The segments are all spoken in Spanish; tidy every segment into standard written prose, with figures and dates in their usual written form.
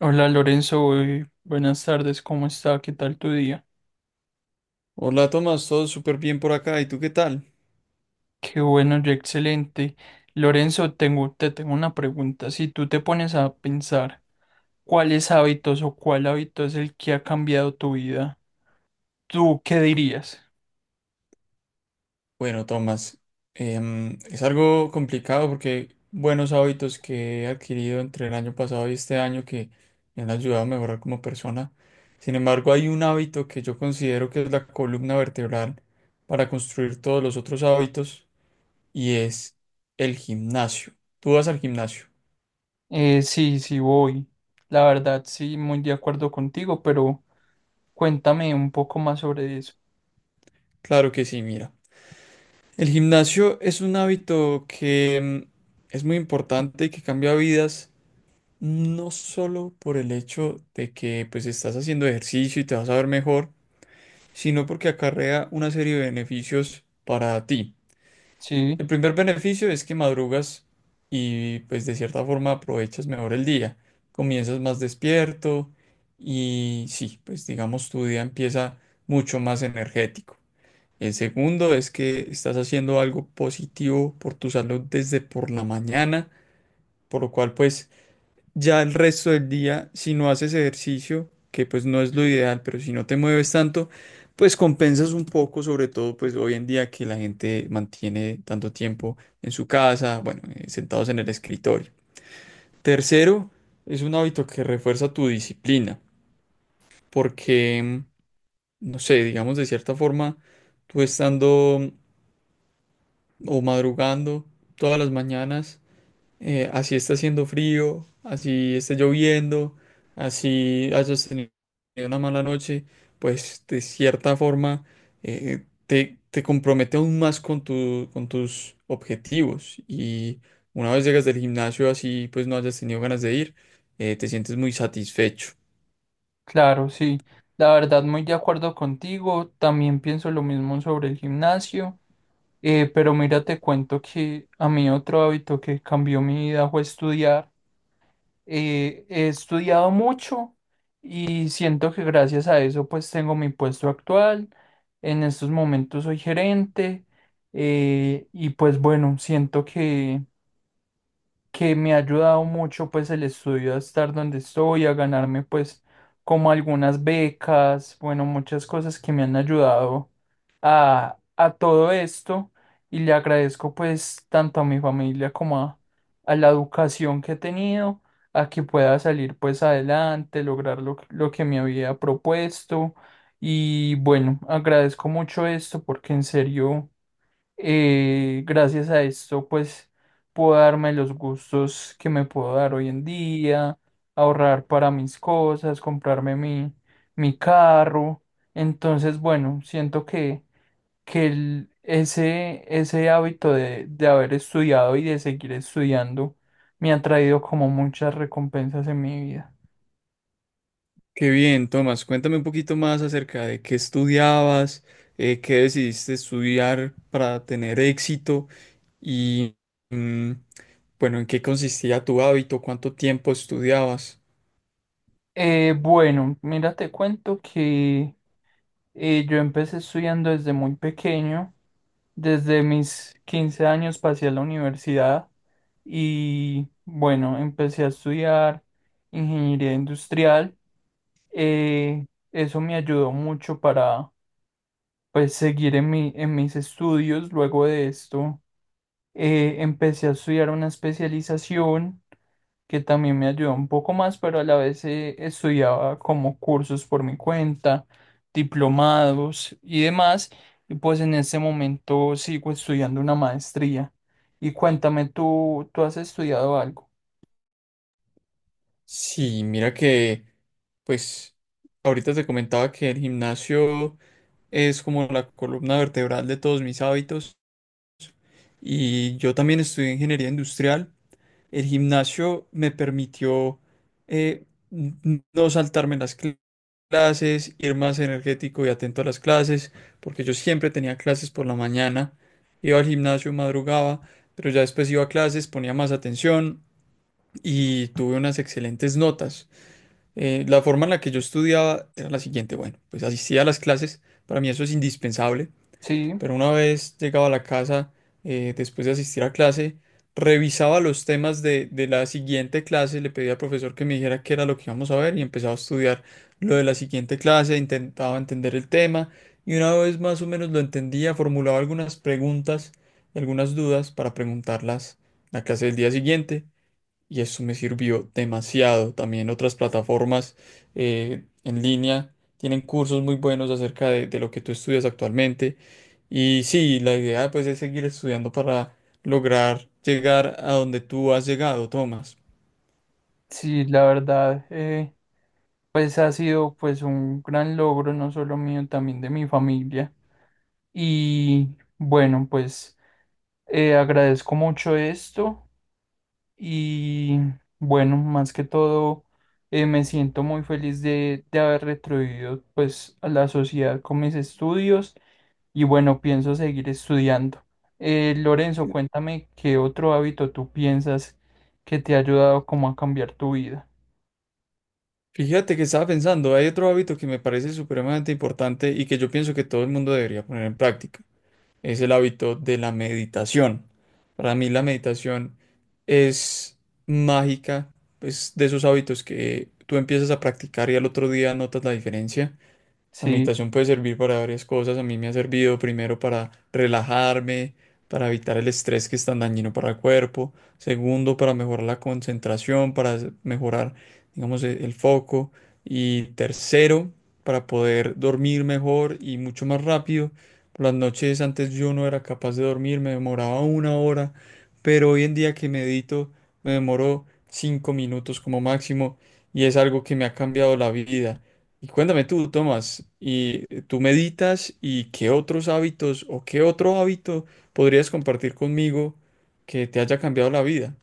Hola Lorenzo, buenas tardes, ¿cómo está? ¿Qué tal tu día? Hola Tomás, todo súper bien por acá. ¿Y tú qué tal? Qué bueno, yo excelente. Lorenzo, te tengo una pregunta. Si tú te pones a pensar cuáles hábitos o cuál hábito es el que ha cambiado tu vida, ¿tú qué dirías? Bueno, Tomás, es algo complicado porque buenos hábitos que he adquirido entre el año pasado y este año que me han ayudado a mejorar como persona. Sin embargo, hay un hábito que yo considero que es la columna vertebral para construir todos los otros hábitos y es el gimnasio. ¿Tú vas al gimnasio? Sí, sí voy. La verdad, sí, muy de acuerdo contigo, pero cuéntame un poco más sobre eso. Claro que sí, mira. El gimnasio es un hábito que es muy importante y que cambia vidas. No solo por el hecho de que pues estás haciendo ejercicio y te vas a ver mejor, sino porque acarrea una serie de beneficios para ti. Sí, El primer beneficio es que madrugas y pues de cierta forma aprovechas mejor el día, comienzas más despierto y sí, pues digamos tu día empieza mucho más energético. El segundo es que estás haciendo algo positivo por tu salud desde por la mañana, por lo cual pues ya el resto del día, si no haces ejercicio, que pues no es lo ideal, pero si no te mueves tanto, pues compensas un poco, sobre todo pues hoy en día que la gente mantiene tanto tiempo en su casa, bueno, sentados en el escritorio. Tercero, es un hábito que refuerza tu disciplina, porque, no sé, digamos de cierta forma, tú estando o madrugando todas las mañanas, así está haciendo frío, así está lloviendo, así hayas tenido una mala noche, pues de cierta forma te compromete aún más con tu, con tus objetivos. Y una vez llegas del gimnasio así, pues no hayas tenido ganas de ir, te sientes muy satisfecho. claro, sí. La verdad, muy de acuerdo contigo. También pienso lo mismo sobre el gimnasio. Pero mira, te cuento que a mí otro hábito que cambió mi vida fue estudiar. He estudiado mucho y siento que gracias a eso pues tengo mi puesto actual. En estos momentos soy gerente, y pues bueno, siento que me ha ayudado mucho pues el estudio a estar donde estoy, a ganarme pues como algunas becas, bueno, muchas cosas que me han ayudado a todo esto y le agradezco pues tanto a mi familia como a la educación que he tenido, a que pueda salir pues adelante, lograr lo que me había propuesto y bueno, agradezco mucho esto porque en serio, gracias a esto, pues puedo darme los gustos que me puedo dar hoy en día, ahorrar para mis cosas, comprarme mi carro. Entonces, bueno, que ese, ese hábito de haber estudiado y de seguir estudiando me ha traído como muchas recompensas en mi vida. Qué bien, Tomás, cuéntame un poquito más acerca de qué estudiabas, qué decidiste estudiar para tener éxito. Y mm, bueno, ¿en qué consistía tu hábito? ¿Cuánto tiempo estudiabas? Bueno, mira, te cuento que yo empecé estudiando desde muy pequeño. Desde mis 15 años pasé a la universidad y bueno, empecé a estudiar ingeniería industrial. Eh, Eso me ayudó mucho para pues seguir en en mis estudios. Luego de esto, empecé a estudiar una especialización que también me ayudó un poco más, pero a la vez estudiaba como cursos por mi cuenta, diplomados y demás, y pues en este momento sigo estudiando una maestría. Y cuéntame, tú has estudiado algo? Sí, mira que, pues, ahorita te comentaba que el gimnasio es como la columna vertebral de todos mis hábitos y yo también estudié ingeniería industrial. El gimnasio me permitió no saltarme las clases, ir más energético y atento a las clases, porque yo siempre tenía clases por la mañana, iba al gimnasio, madrugaba, pero ya después iba a clases, ponía más atención y tuve unas excelentes notas. La forma en la que yo estudiaba era la siguiente, bueno, pues asistía a las clases, para mí eso es indispensable, Sí, pero una vez llegaba a la casa, después de asistir a clase, revisaba los temas de la siguiente clase, le pedía al profesor que me dijera qué era lo que íbamos a ver y empezaba a estudiar lo de la siguiente clase, intentaba entender el tema y una vez más o menos lo entendía, formulaba algunas preguntas, algunas dudas para preguntarlas en la clase del día siguiente y eso me sirvió demasiado. También otras plataformas en línea tienen cursos muy buenos acerca de lo que tú estudias actualmente. Y sí, la idea pues es seguir estudiando para lograr llegar a donde tú has llegado, Tomás. sí, la verdad, pues ha sido pues un gran logro, no solo mío, también de mi familia. Y bueno, pues agradezco mucho esto. Y bueno, más que todo, me siento muy feliz de haber retribuido pues a la sociedad con mis estudios y bueno, pienso seguir estudiando. Lorenzo, cuéntame qué otro hábito tú piensas que te ha ayudado como a cambiar tu vida. Fíjate que estaba pensando, hay otro hábito que me parece supremamente importante y que yo pienso que todo el mundo debería poner en práctica. Es el hábito de la meditación. Para mí la meditación es mágica, es de esos hábitos que tú empiezas a practicar y al otro día notas la diferencia. La Sí. meditación puede servir para varias cosas. A mí me ha servido primero para relajarme, para evitar el estrés que es tan dañino para el cuerpo. Segundo, para mejorar la concentración, para mejorar, digamos, el foco. Y tercero, para poder dormir mejor y mucho más rápido. Por las noches antes yo no era capaz de dormir, me demoraba una hora, pero hoy en día que medito me demoro 5 minutos como máximo y es algo que me ha cambiado la vida. Y cuéntame tú, Tomás, ¿y tú meditas y qué otros hábitos o qué otro hábito podrías compartir conmigo que te haya cambiado la vida?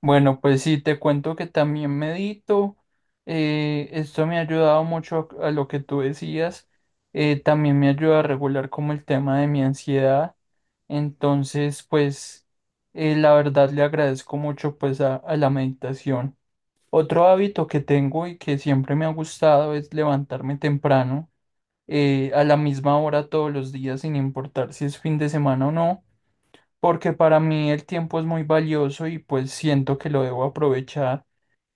Bueno, pues sí, te cuento que también medito. Esto me ha ayudado mucho a lo que tú decías. También me ayuda a regular como el tema de mi ansiedad. Entonces, pues la verdad le agradezco mucho pues a la meditación. Otro hábito que tengo y que siempre me ha gustado es levantarme temprano, a la misma hora todos los días, sin importar si es fin de semana o no, porque para mí el tiempo es muy valioso y pues siento que lo debo aprovechar,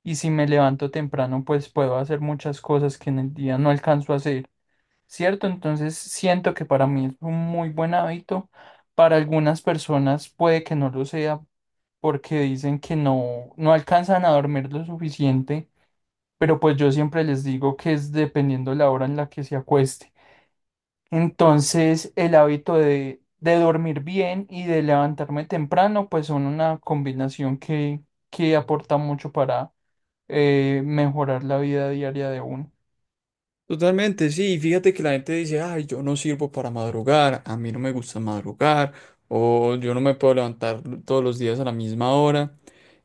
y si me levanto temprano pues puedo hacer muchas cosas que en el día no alcanzo a hacer, ¿cierto? Entonces siento que para mí es un muy buen hábito, para algunas personas puede que no lo sea porque dicen que no, no alcanzan a dormir lo suficiente, pero pues yo siempre les digo que es dependiendo la hora en la que se acueste. Entonces, el hábito de dormir bien y de levantarme temprano, pues son una combinación que aporta mucho para mejorar la vida diaria de uno. Totalmente, sí. Fíjate que la gente dice, ay, yo no sirvo para madrugar, a mí no me gusta madrugar, o yo no me puedo levantar todos los días a la misma hora.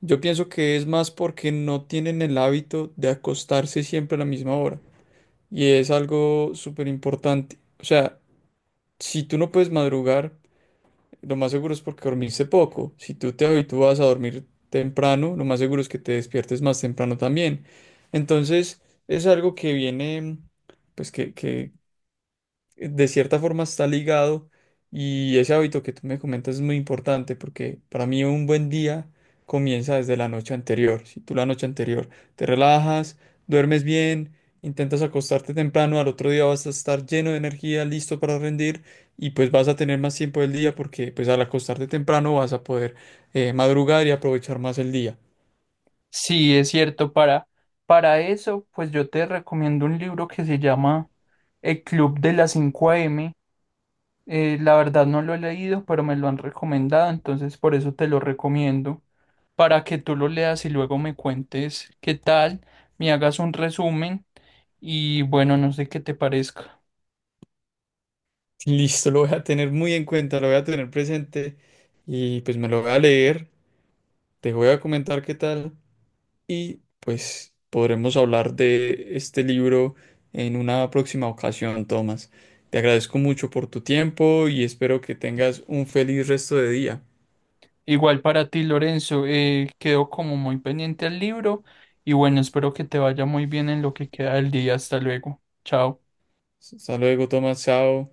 Yo pienso que es más porque no tienen el hábito de acostarse siempre a la misma hora. Y es algo súper importante. O sea, si tú no puedes madrugar, lo más seguro es porque dormiste poco. Si tú te habitúas a dormir temprano, lo más seguro es que te despiertes más temprano también. Entonces, es algo que viene, pues de cierta forma está ligado y ese hábito que tú me comentas es muy importante porque para mí un buen día comienza desde la noche anterior. Si tú la noche anterior te relajas, duermes bien, intentas acostarte temprano, al otro día vas a estar lleno de energía, listo para rendir y pues vas a tener más tiempo del día porque pues al acostarte temprano vas a poder madrugar y aprovechar más el día. Sí, es cierto, para eso, pues yo te recomiendo un libro que se llama El Club de las 5 AM. La verdad no lo he leído, pero me lo han recomendado, entonces por eso te lo recomiendo, para que tú lo leas y luego me cuentes qué tal, me hagas un resumen. Y bueno, no sé qué te parezca. Listo, lo voy a tener muy en cuenta, lo voy a tener presente y pues me lo voy a leer. Te voy a comentar qué tal. Y pues podremos hablar de este libro en una próxima ocasión, Tomás. Te agradezco mucho por tu tiempo y espero que tengas un feliz resto de día. Igual para ti, Lorenzo, quedo como muy pendiente al libro y bueno, espero que te vaya muy bien en lo que queda del día. Hasta luego. Chao. Hasta luego, Tomás. Chao.